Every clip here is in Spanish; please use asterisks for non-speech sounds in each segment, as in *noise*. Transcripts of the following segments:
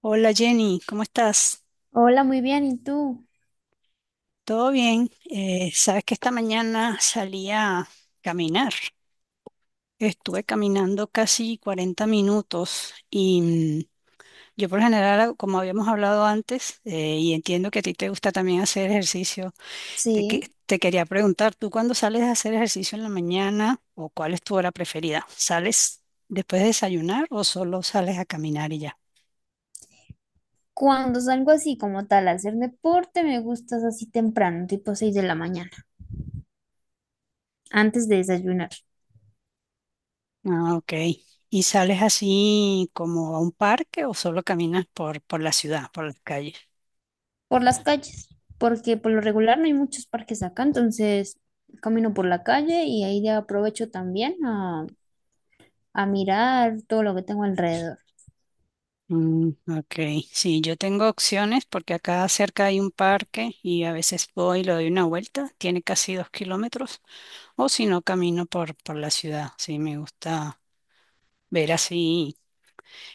Hola Jenny, ¿cómo estás? Hola, muy bien. ¿Y tú? ¿Todo bien? Sabes que esta mañana salí a caminar. Estuve caminando casi 40 minutos yo por lo general, como habíamos hablado antes, y entiendo que a ti te gusta también hacer ejercicio, Sí. Te quería preguntar, ¿tú cuándo sales a hacer ejercicio en la mañana o cuál es tu hora preferida? ¿Sales después de desayunar o solo sales a caminar y ya? Cuando salgo así como tal a hacer deporte, me gustas así temprano, tipo 6 de la mañana, antes de desayunar, Ah, ok. ¿Y sales así como a un parque o solo caminas por la ciudad, por las calles? por las calles, porque por lo regular no hay muchos parques acá, entonces camino por la calle y ahí ya aprovecho también a mirar todo lo que tengo alrededor. Mm, ok. Sí, yo tengo opciones porque acá cerca hay un parque y a veces voy y le doy una vuelta. Tiene casi 2 kilómetros. O si no, camino por la ciudad. Sí, me gusta ver así.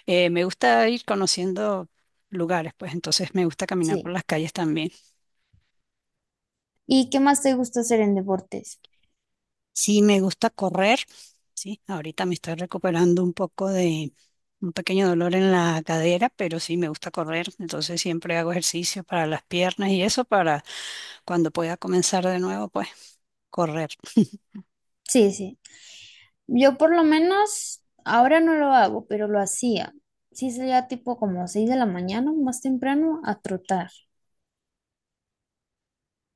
Me gusta ir conociendo lugares, pues entonces me gusta caminar por Sí. las calles también. ¿Y qué más te gusta hacer en deportes? Sí, me gusta correr, sí, ahorita me estoy recuperando un poco de un pequeño dolor en la cadera, pero sí me gusta correr, entonces siempre hago ejercicio para las piernas y eso para cuando pueda comenzar de nuevo, pues correr. Sí, sí. Yo por lo menos ahora no lo hago, pero lo hacía. Sí, salía tipo como 6 de la mañana, más temprano, a trotar.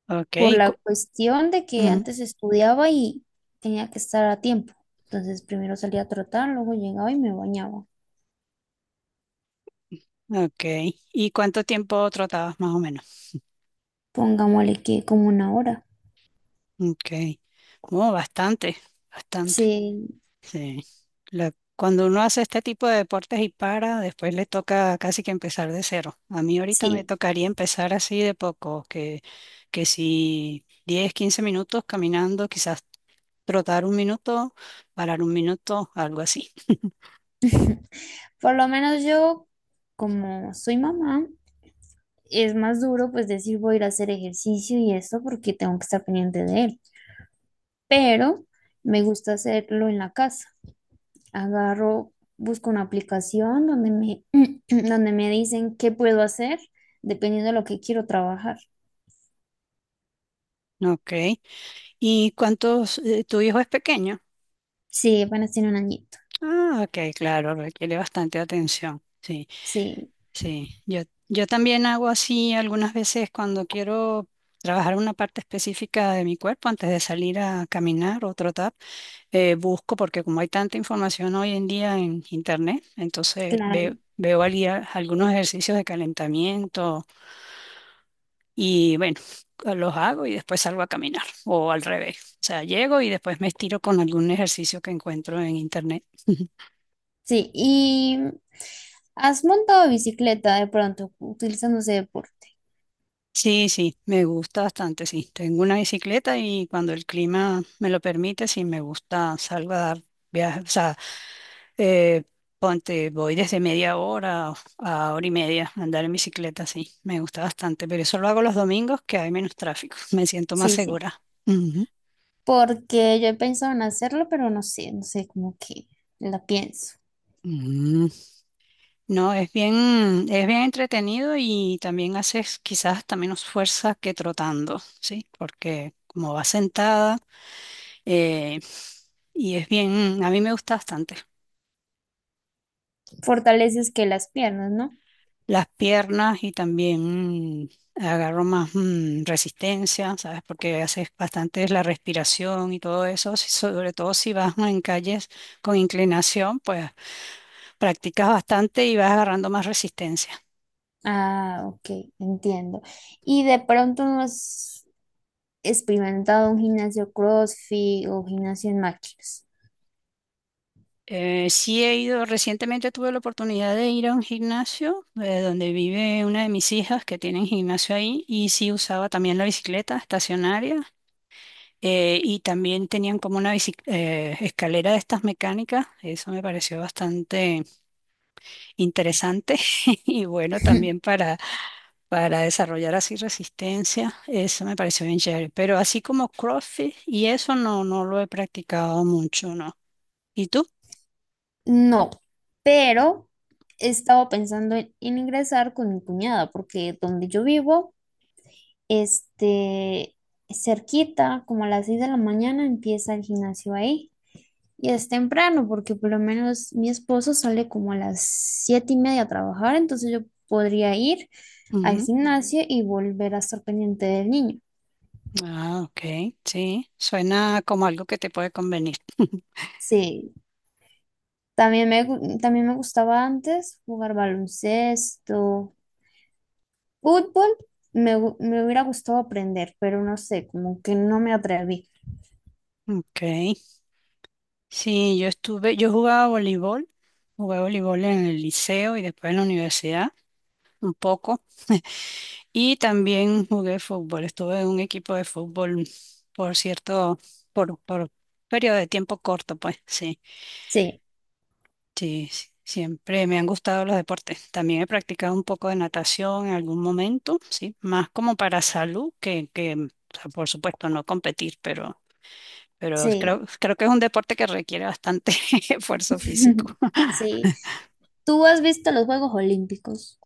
Ok, Por la cuestión de que ujú, antes estudiaba y tenía que estar a tiempo. Entonces primero salía a trotar, luego llegaba y me bañaba. ok. ¿Y cuánto tiempo trotabas más o menos? Pongámosle que como una hora. Ok. Oh, bastante, bastante. Sí, Sí. Cuando uno hace este tipo de deportes y para, después le toca casi que empezar de cero. A mí ahorita me sí. tocaría empezar así de poco, que si 10, 15 minutos caminando, quizás trotar un minuto, parar un minuto, algo así. *laughs* Por lo menos yo, como soy mamá, es más duro pues decir voy a ir a hacer ejercicio y eso porque tengo que estar pendiente de él. Pero me gusta hacerlo en la casa. Agarro, busco una aplicación donde me, *clears throat* donde me dicen qué puedo hacer dependiendo de lo que quiero trabajar. Ok. ¿Y cuántos, tu hijo es pequeño? Sí, apenas tiene un añito. Ah, ok, claro, requiere bastante atención. Sí. Sí, Sí, yo también hago así algunas veces cuando quiero trabajar una parte específica de mi cuerpo antes de salir a caminar o trotar, busco porque como hay tanta información hoy en día en internet, entonces claro. Algunos ejercicios de calentamiento y bueno, los hago y después salgo a caminar o al revés. O sea, llego y después me estiro con algún ejercicio que encuentro en internet. Sí, y has montado bicicleta de pronto utilizando ese deporte. Sí, sí, me gusta bastante, sí. Tengo una bicicleta y cuando el clima me lo permite, sí me gusta, salgo a dar viajes, o sea, eh, ponte, voy desde media hora a hora y media a andar en bicicleta, sí, me gusta bastante, pero eso lo hago los domingos que hay menos tráfico, *laughs* me siento más Sí, sí, segura. Ujú. porque yo he pensado en hacerlo, pero no sé, no sé, como que la pienso. Mm, no, es bien entretenido y también haces quizás hasta menos fuerza que trotando, ¿sí? Porque como vas sentada, eh, y es bien, a mí me gusta bastante. Fortaleces que las piernas, ¿no? Las piernas y también agarro más resistencia, ¿sabes? Porque haces bastante la respiración y todo eso, sobre todo si vas en calles con inclinación, pues practicas bastante y vas agarrando más resistencia. Ah, ok, entiendo. ¿Y de pronto no has experimentado un gimnasio CrossFit o gimnasio en máquinas? Sí he ido, recientemente tuve la oportunidad de ir a un gimnasio donde vive una de mis hijas que tienen gimnasio ahí y sí usaba también la bicicleta estacionaria. Y también tenían como una escalera de estas mecánicas, eso me pareció bastante interesante *laughs* y bueno, también *laughs* para desarrollar así resistencia, eso me pareció bien chévere, pero así como CrossFit y eso no, no lo he practicado mucho, ¿no? ¿Y tú? No, pero he estado pensando en, ingresar con mi cuñada, porque donde yo vivo, este, cerquita, como a las 6 de la mañana, empieza el gimnasio ahí. Y es temprano, porque por lo menos mi esposo sale como a las 7:30 a trabajar, entonces yo podría ir al Ujú. gimnasio y volver a estar pendiente del niño. Ah, ok, sí, suena como algo que te puede convenir. *laughs* Sí, también también me gustaba antes jugar baloncesto, fútbol, me hubiera gustado aprender, pero no sé, como que no me atreví. Ok, sí, yo jugaba voleibol, jugué voleibol en el liceo y después en la universidad un poco. Y también jugué fútbol. Estuve en un equipo de fútbol, por cierto, por periodo de tiempo corto, pues sí, Sí, sí, sí, siempre me han gustado los deportes. También he practicado un poco de natación en algún momento, sí, más como para salud que, o sea, por supuesto, no competir, pero sí, creo que es un deporte que requiere bastante *laughs* esfuerzo *laughs* físico. sí. ¿Tú has visto los Juegos Olímpicos?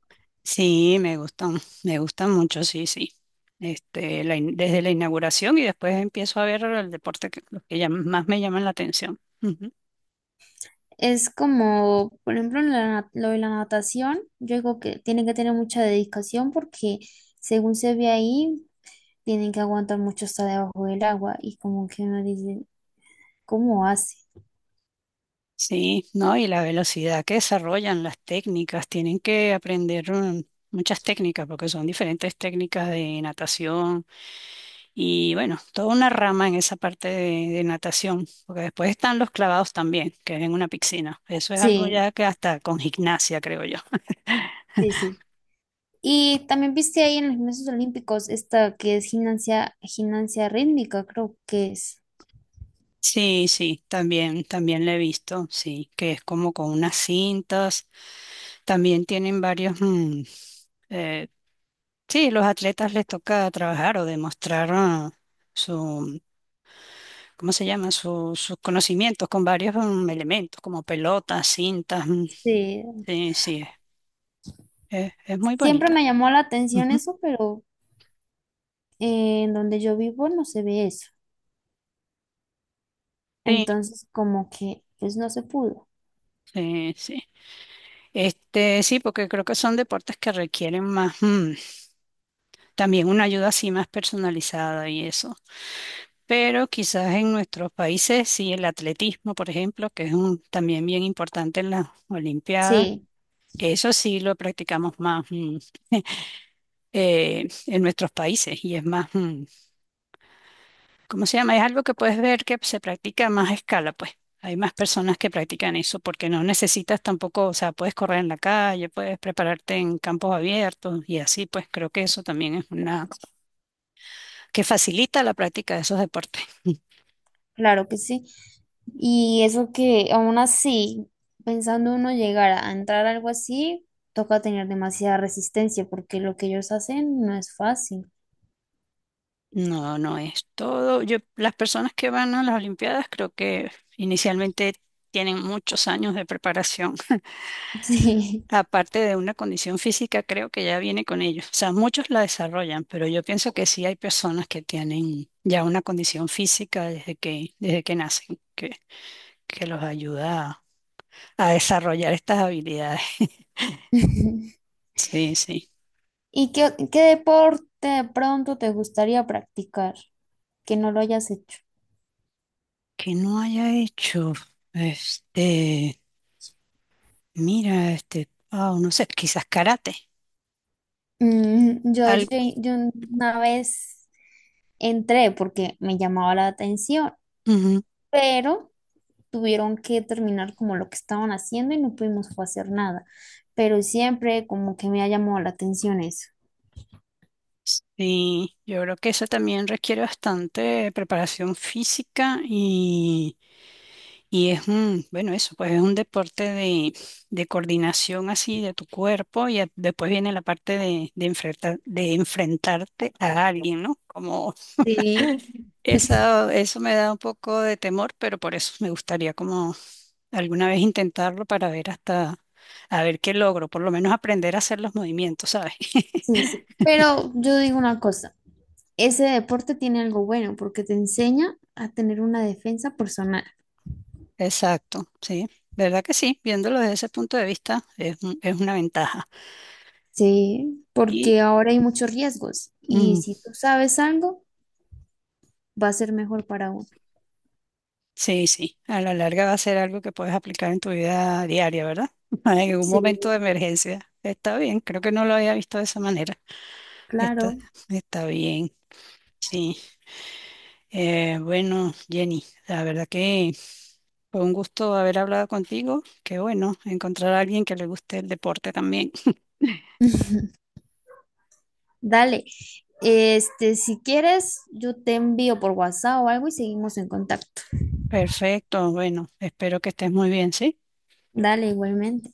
Sí, me gustan mucho, sí, sí. Este, desde la inauguración y después empiezo a ver el deporte que, los que más me llaman la atención. Ujú. Es como, por ejemplo, en lo de la natación, yo digo que tienen que tener mucha dedicación porque según se ve ahí, tienen que aguantar mucho hasta debajo del agua y como que uno dice, ¿cómo hace? Sí, ¿no? Y la velocidad que desarrollan, las técnicas, tienen que aprender muchas técnicas porque son diferentes técnicas de natación y bueno, toda una rama en esa parte de natación, porque después están los clavados también, que es en una piscina. Eso es algo Sí, ya que hasta con gimnasia, creo yo. sí, sí. Y también viste ahí en los gimnasios olímpicos esta que es gimnasia, gimnasia rítmica, creo que es. Sí, sí, también, también le he visto, sí, que es como con unas cintas. También tienen varios, eh, sí, los atletas les toca trabajar o demostrar su, ¿cómo se llama? Sus conocimientos con varios elementos, como pelotas, cintas. Sí. Sí, sí, es muy Siempre bonita. me llamó la atención Ujú. eso, pero en donde yo vivo no se ve eso. Sí, Entonces, como que, pues no se pudo. sí, sí. Este, sí, porque creo que son deportes que requieren más, también una ayuda así más personalizada y eso. Pero quizás en nuestros países, sí, el atletismo, por ejemplo, que es un, también bien importante en las Olimpiadas, Sí. eso sí lo practicamos más en nuestros países y es más, ¿cómo se llama? Es algo que puedes ver que se practica a más escala, pues. Hay más personas que practican eso porque no necesitas tampoco, o sea, puedes correr en la calle, puedes prepararte en campos abiertos y así, pues creo que eso también es una que facilita la práctica de esos deportes. Claro que sí. Y eso que aún así, pensando uno llegar a entrar a algo así, toca tener demasiada resistencia porque lo que ellos hacen no es fácil. No, no es todo. Yo, las personas que van a las Olimpiadas creo que inicialmente tienen muchos años de preparación. *laughs* *laughs* Sí. Aparte de una condición física, creo que ya viene con ellos. O sea, muchos la desarrollan, pero yo pienso que sí hay personas que tienen ya una condición física desde que nacen, que los ayuda a desarrollar estas habilidades. *laughs* *laughs* Sí, sí. ¿Y qué, qué deporte de pronto te gustaría practicar que no lo hayas hecho? Que no haya hecho, este, mira, este, no sé, quizás karate. Mm, yo, yo, Algo. yo una vez entré porque me llamaba la atención, Ujú. pero tuvieron que terminar como lo que estaban haciendo y no pudimos fue hacer nada. Pero siempre como que me ha llamado la atención eso. Sí, yo creo que eso también requiere bastante preparación física y es un, bueno, eso, pues es un deporte de coordinación así de tu cuerpo y después viene la parte de enfrentar, de enfrentarte a alguien, ¿no? Como Sí, esa, eso me da un poco de temor, pero por eso me gustaría como alguna vez intentarlo para ver hasta, a ver qué logro, por lo menos aprender a hacer los movimientos, ¿sabes? *laughs* sí, sí. Pero yo digo una cosa, ese deporte tiene algo bueno porque te enseña a tener una defensa personal. Exacto, sí, verdad que sí, viéndolo desde ese punto de vista es, es una ventaja. Sí, Y porque ahora hay muchos riesgos y mm, si tú sabes algo, va a ser mejor para uno. sí, sí, a la larga va a ser algo que puedes aplicar en tu vida diaria, ¿verdad? *laughs* En algún momento de Sí, emergencia. Está bien, creo que no lo había visto de esa manera. Está, claro. está bien, sí. Bueno, Jenny, la verdad que fue un gusto haber hablado contigo. Qué bueno encontrar a alguien que le guste el deporte también. *laughs* Dale, si quieres, yo te envío por WhatsApp o algo y seguimos en contacto. Perfecto, bueno, espero que estés muy bien, ¿sí? Dale, igualmente.